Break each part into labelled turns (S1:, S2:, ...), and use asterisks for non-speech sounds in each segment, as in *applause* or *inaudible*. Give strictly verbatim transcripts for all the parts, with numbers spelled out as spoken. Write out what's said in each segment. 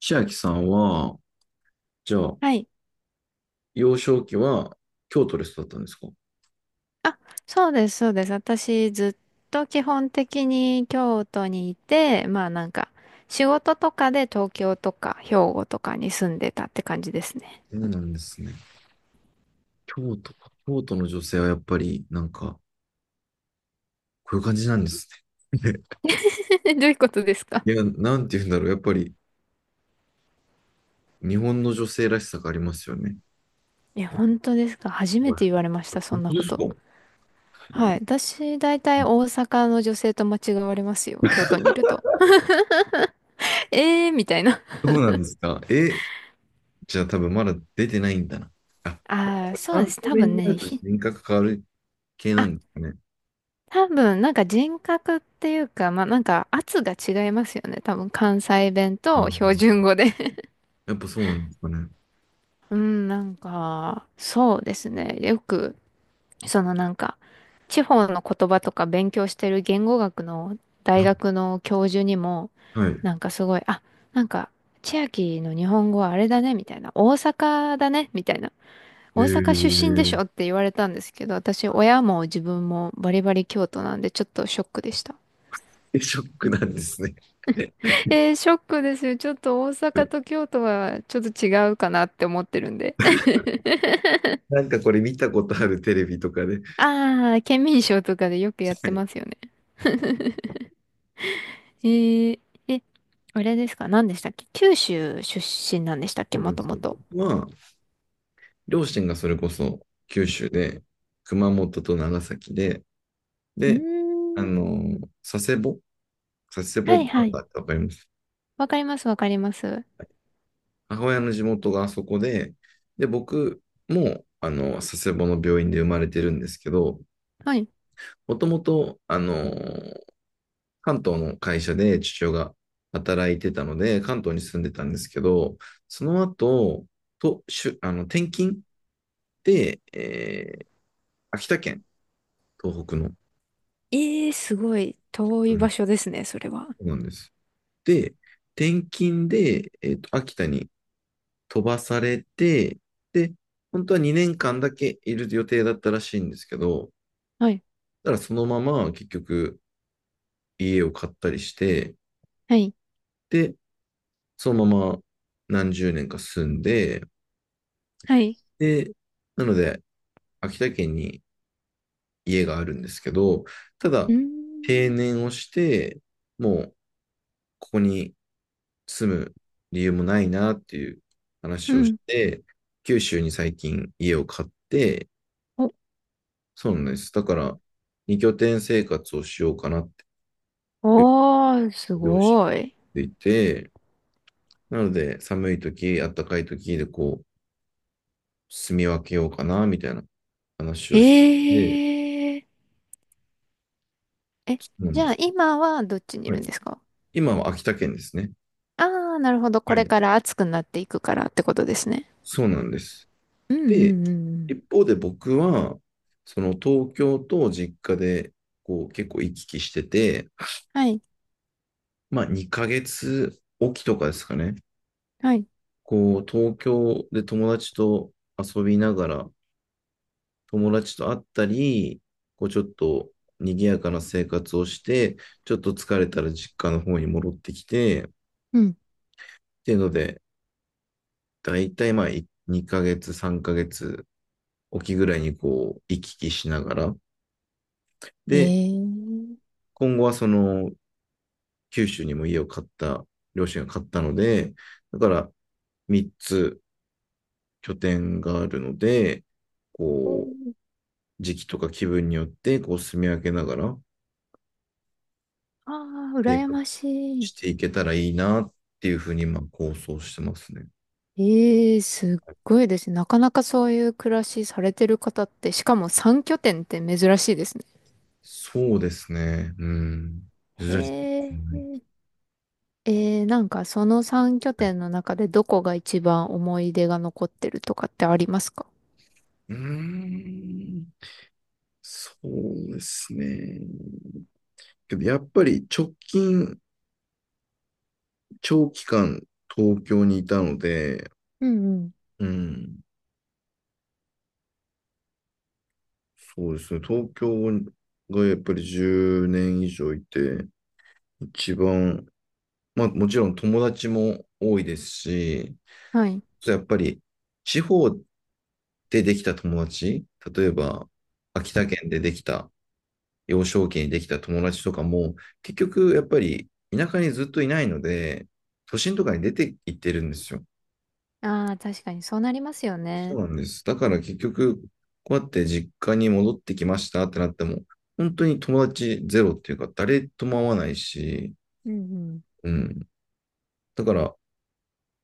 S1: 千秋さんは、じゃあ、
S2: はい。
S1: 幼少期は京都で育ったんですか？
S2: あ、そうです、そうです。私、ずっと基本的に京都にいて、まあなんか、仕事とかで東京とか兵庫とかに住んでたって感じですね。
S1: そうなんですね。京都か、京都の女性はやっぱり、なんか、こういう感じなんですね。
S2: *laughs* どういうことです
S1: *laughs*
S2: か？
S1: いや、なんて言うんだろう。やっぱり、日本の女性らしさがありますよね。
S2: いや、本当ですか？初め
S1: は
S2: て言われまし
S1: い。
S2: た、そ
S1: 本
S2: んな
S1: 当で
S2: こ
S1: すか？
S2: と。はい。私、大体大阪の女性と間違われますよ、京都にいると。*laughs* えーみたいな。
S1: そうなんですか。え、じゃあ多分まだ出てないんだな。あ、
S2: ああ、そうで
S1: 関
S2: す。
S1: 西
S2: 多
S1: 弁
S2: 分
S1: にな
S2: ね、
S1: ると
S2: ひ
S1: 人格変わる系なんですかね。
S2: 多分、なんか人格っていうか、まあなんか圧が違いますよね。多分関西弁
S1: あ
S2: と標
S1: ー、
S2: 準語で。
S1: やっぱそうなんですかね。
S2: *laughs* うん、なんか、そうですね。よく、そのなんか、地方の言葉とか勉強してる言語学の大
S1: な
S2: 学の教授にも、
S1: はい。
S2: なんかすごい、あ、なんか、千秋の日本語はあれだね、みたいな。大阪だね、みたいな。
S1: え
S2: 大阪出身でし
S1: ー、
S2: ょって言われたんですけど、私、親も自分もバリバリ京都なんで、ちょっとショックでした。
S1: でショックなんですね。う
S2: えーショックですよ。ちょっと大阪と
S1: ん。
S2: 京都はちょっと違うかなって思ってるんで。*laughs*
S1: なんかこれ見たことあるテレビとかで。
S2: ああ、県民賞とかでよくやっ
S1: は
S2: て
S1: い。
S2: ますよね。*laughs* えー、え、あれですか？何でしたっけ？九州出身なんでしたっけ、
S1: そうな
S2: も
S1: んで
S2: と
S1: す
S2: も
S1: よ。
S2: と。
S1: まあ、両親がそれこそ九州で、熊本と長崎で、
S2: うー
S1: で、あ
S2: ん。
S1: の、佐世保佐世
S2: は
S1: 保バ
S2: い
S1: ー
S2: はい。
S1: ガーってわかります？
S2: わかりますわかります。
S1: 母親の地元があそこで、で、僕も、あの、佐世保の病院で生まれてるんですけど、
S2: はい。
S1: もともと、あのー関東の会社で父親が働いてたので、関東に住んでたんですけど、その後、と、しゅ、あの、転勤で、えー秋田県、東北の、
S2: えー、すごい遠い
S1: うん。
S2: 場
S1: そ
S2: 所ですね、それは。
S1: うなんです。で、転勤で、えーと、秋田に飛ばされて、で、本当はにねんかんだけいる予定だったらしいんですけど、
S2: はい。
S1: だからそのまま結局家を買ったりして、
S2: はい。
S1: で、そのまま何十年か住んで、
S2: はい。
S1: で、なので、秋田県に家があるんですけど、た
S2: う
S1: だ、
S2: ーん。
S1: 定年をして、もう、ここに住む理由もないなっていう
S2: う
S1: 話をし
S2: ん。
S1: て、九州に最近家を買って、
S2: お、
S1: そうなんです。だから、にきょてん生活をしようかなっていう
S2: おー、す
S1: 両親
S2: ごい。
S1: でいて、なので、寒い時、暖かい時でこう、住み分けようかな、みたいな話をし
S2: え
S1: て、
S2: ー。え、
S1: なん
S2: じ
S1: で
S2: ゃあ
S1: す。
S2: 今はどっちにい
S1: は
S2: る
S1: い。
S2: んですか？
S1: 今は秋田県ですね。
S2: ああー、なるほど。
S1: は
S2: これ
S1: い。
S2: から暑くなっていくからってことですね。
S1: そうなんです。
S2: うんう
S1: で、
S2: んうんうん。
S1: 一方で僕は、その東京と実家で、こう結構行き来してて、
S2: はい、
S1: まあにかげつおきとかですかね。
S2: はい。
S1: こう東京で友達と遊びながら、友達と会ったり、こうちょっと賑やかな生活をして、ちょっと疲れたら実家の方に戻ってきて、っ
S2: うん。
S1: ていうので、だいたいまあにかげつ、さんかげつ沖ぐらいにこう行き来しながら、
S2: え
S1: で、
S2: ー。
S1: 今後はその九州にも家を買った、両親が買ったので、だからみっつ拠点があるので、こう、時期とか気分によって、こう、住み分けながら、
S2: ああ、
S1: 生
S2: 羨
S1: 活
S2: まし
S1: し
S2: い。
S1: ていけたらいいなっていうふうに、まあ、構想してますね。
S2: ええー、すっごいですね。なかなかそういう暮らしされてる方って、しかもさん拠点って珍しいですね。
S1: そうですね。うん。珍しい。
S2: へえ。えー、なんかそのさん拠点の中でどこが一番思い出が残ってるとかってありますか？
S1: うーん。そうですね。けど、やっぱり直近長期間東京にいたので、
S2: うんうん。
S1: うん、そうですね、東京がやっぱりじゅうねん以上いて、一番、まあもちろん友達も多いですし、
S2: はい。
S1: やっぱり地方でできた友達、例えば秋田県でできた、幼少期にできた友達とかも、結局やっぱり田舎にずっといないので、都心とかに出て行ってるんですよ。
S2: ああ、確かにそうなりますよ
S1: そ
S2: ね。
S1: うなんです。だから結局、こうやって実家に戻ってきましたってなっても、本当に友達ゼロっていうか、誰とも会わないし、
S2: うんうん。
S1: うん。だから、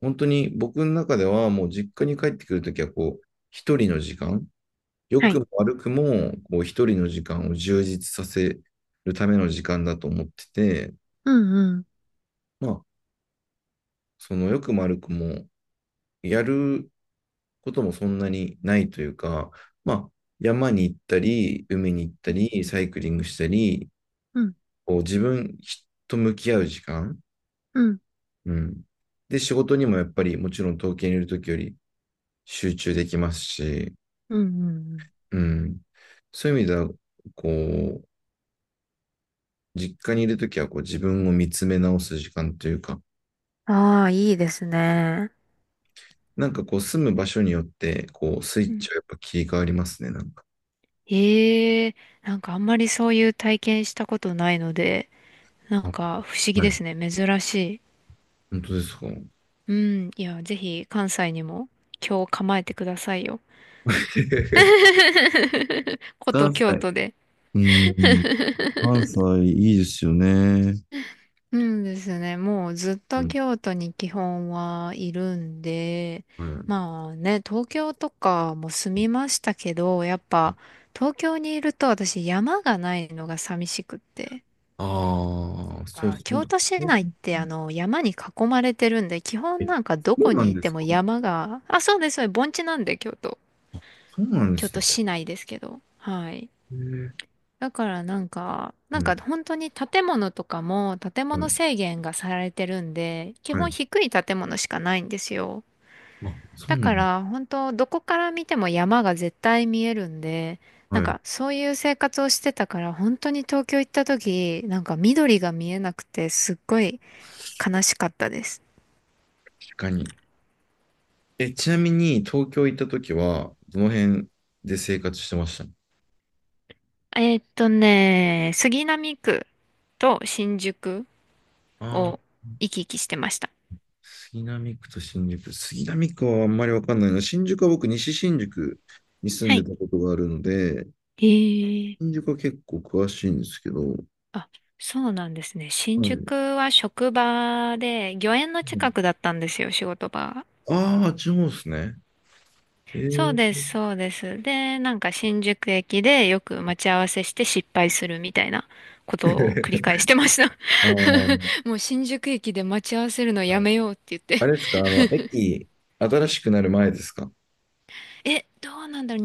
S1: 本当に僕の中では、もう実家に帰ってくるときは、こう、一人の時間、良
S2: は
S1: く
S2: い。
S1: も悪くも、こう、一人の時間を充実させるための時間だと思ってて、
S2: うんうん。
S1: まあ、その良くも悪くも、やることもそんなにないというか、まあ、山に行ったり、海に行ったり、サイクリングしたり、
S2: うん、
S1: こう自分と向き合う時間、
S2: うん、
S1: うん。で、仕事にもやっぱりもちろん東京にいるときより集中できますし、
S2: うんうん
S1: うん。そういう意味では、こう、実家にいるときはこう自分を見つめ直す時間というか、
S2: うん。ああ、いいですね。
S1: なんかこう住む場所によって、こうスイ
S2: う
S1: ッチ
S2: ん。
S1: はやっぱ切り替わりますね、なんか。
S2: ええ、なんかあんまりそういう体験したことないので、なん
S1: あ、
S2: か不思議
S1: はい。
S2: ですね。珍しい。
S1: 本当ですか。
S2: うん。いや、ぜひ関西にも今日構えてくださいよ。
S1: *laughs*
S2: 古都
S1: 関西。
S2: 京
S1: *laughs*
S2: 都で。
S1: うーん。関西いいですよね。
S2: うんですね。もうずっ
S1: う
S2: と
S1: ん、
S2: 京都に基本はいるんで、
S1: はい。
S2: まあね、東京とかも住みましたけど、やっぱ東京にいると私山がないのが寂しくって。
S1: ああー、そう
S2: あ、
S1: そう。
S2: 京都市
S1: 本
S2: 内
S1: 当。
S2: ってあの山に囲まれてるんで、基
S1: え、
S2: 本なんかど
S1: そ
S2: こ
S1: うな
S2: に
S1: ん
S2: い
S1: で
S2: て
S1: す
S2: も
S1: か？
S2: 山が、あ、そうです、そうです、盆地なんで京都。
S1: そうなんで
S2: 京
S1: す
S2: 都
S1: ね。
S2: 市内ですけど。はい。
S1: えー、
S2: だからなんか、な
S1: う
S2: ん
S1: ん、
S2: か本当に建物とかも建
S1: はい、
S2: 物制限がされてるんで、基
S1: はい。
S2: 本低い建物しかないんですよ。
S1: あ、そ
S2: だ
S1: うな
S2: か
S1: ん。
S2: ら本当どこから見ても山が絶対見えるんで、な
S1: は
S2: ん
S1: い、確
S2: かそういう生活をしてたから本当に東京行った時、なんか緑が見えなくてすっごい悲しかったです。
S1: かに。え、ちなみに、東京行った時は、どの辺で生活してました？
S2: えーっとね、杉並区と新宿
S1: ああー、
S2: を行き来してました。
S1: 杉並区と新宿。杉並区はあんまりわかんないな。新宿は僕、西新宿に住ん
S2: は
S1: で
S2: い。
S1: たことがあるので、
S2: へえ。
S1: 新宿は結構詳しいんですけど、
S2: あ、そうなんですね。新
S1: はい。
S2: 宿は職場で、御苑の近くだったんですよ、仕事場が。
S1: ああ、っちの方ですね。え
S2: そう
S1: ー、
S2: です、そうです。で、なんか新宿駅でよく待ち合わせして失敗するみたいなことを繰り返してました。
S1: *laughs* あー、
S2: *laughs* もう新宿駅で待ち合わせるの
S1: は
S2: や
S1: い。
S2: めようって言っ
S1: あ
S2: て。
S1: れですか、あの、駅、新しくなる前ですか？
S2: *laughs* え、どうなんだろう。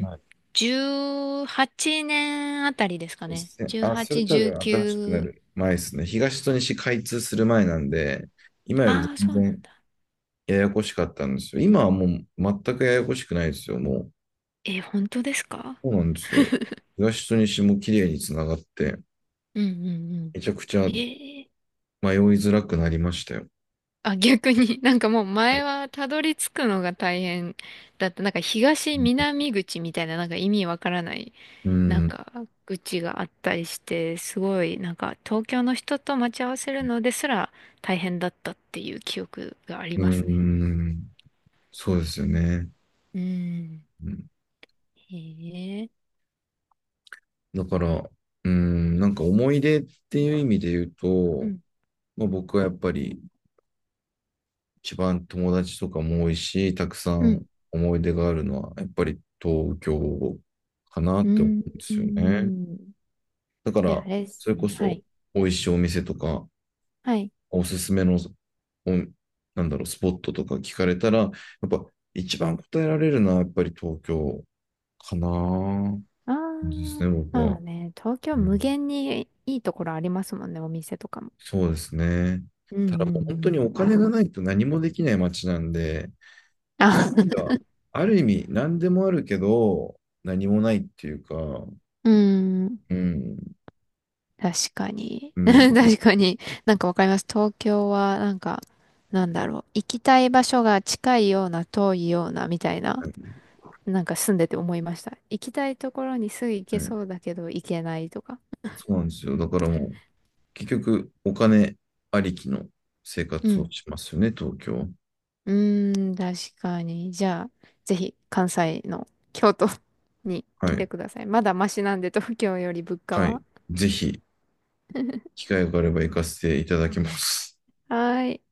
S1: はい。
S2: 年あたりですかね。
S1: せあ、それ
S2: じゅうはち、
S1: 多分新しくな
S2: じゅうきゅう。
S1: る前ですね。東と西開通する前なんで、今より
S2: ああ、
S1: 全
S2: そうなん
S1: 然
S2: だ。
S1: ややこしかったんですよ。今はもう全くややこしくないですよ。もう、
S2: え、本当ですか？
S1: そうなんですよ。東と西も綺麗につながって、
S2: うんうんうん。
S1: めちゃくちゃ
S2: え
S1: 迷いづらくなりましたよ。
S2: あ、逆に、*laughs* なんかもう
S1: は
S2: 前
S1: い。
S2: はたどり着くのが大変だった。なんか東南口みたいななんか意味わからない、
S1: う
S2: なん
S1: ん、
S2: か口があったりして、すごいなんか東京の人と待ち合わせるのですら大変だったっていう記憶があり
S1: う
S2: ますね。
S1: ん、そうですよね。
S2: うん。
S1: うん。
S2: へえ。
S1: だから、うん、なんか思い出っていう意味で言う
S2: う
S1: と、
S2: ん。
S1: まあ、僕はやっぱり一番友達とかも多いし、たくさ
S2: うん。
S1: ん思い出があるのは、やっぱり東京かな
S2: う
S1: って思
S2: ん。
S1: うんで
S2: う
S1: すよね。
S2: ん。
S1: だか
S2: じゃあ、
S1: ら、
S2: あれです
S1: それこ
S2: ね。は
S1: そ、
S2: い。
S1: 美味しいお店とか、
S2: はい。
S1: おすすめの、お、なんだろう、スポットとか聞かれたら、やっぱ一番答えられるのは、やっぱり東京かな
S2: あ
S1: です
S2: あ、
S1: ね、僕
S2: ま
S1: は。
S2: あね、東京
S1: う
S2: 無
S1: ん。
S2: 限にいいところありますもんね、お店とかも。
S1: そうですね。
S2: うんう
S1: ただもう本
S2: ん
S1: 当に
S2: う
S1: お
S2: ん。
S1: 金がないと何もできない街なんで、
S2: あ、*laughs*
S1: ある意味何でもあるけど、何もないっていうか、う
S2: うん。
S1: ん、
S2: 確かに。
S1: う
S2: *laughs*
S1: ん、
S2: 確かに。なんかわかります。東京は、なんか、なんだろう。行きたい場所が近いような、遠いような、みたいな。
S1: はい、
S2: なんか住んでて思いました。行きたいところにすぐ行
S1: は
S2: け
S1: い。
S2: そうだけど、行けないとか。
S1: そうなんですよ。だからもう、結局お金ありきの生
S2: う
S1: 活を
S2: ん。
S1: しますよね、東京。
S2: うーん、確かに。じゃあ、ぜひ、関西の京都 *laughs* に
S1: は
S2: 来て
S1: い、
S2: ください。まだマシなんで、東京より物価
S1: はい。
S2: は。
S1: ぜひ、
S2: *laughs*
S1: 機会があれば行かせていただきます。
S2: はーい。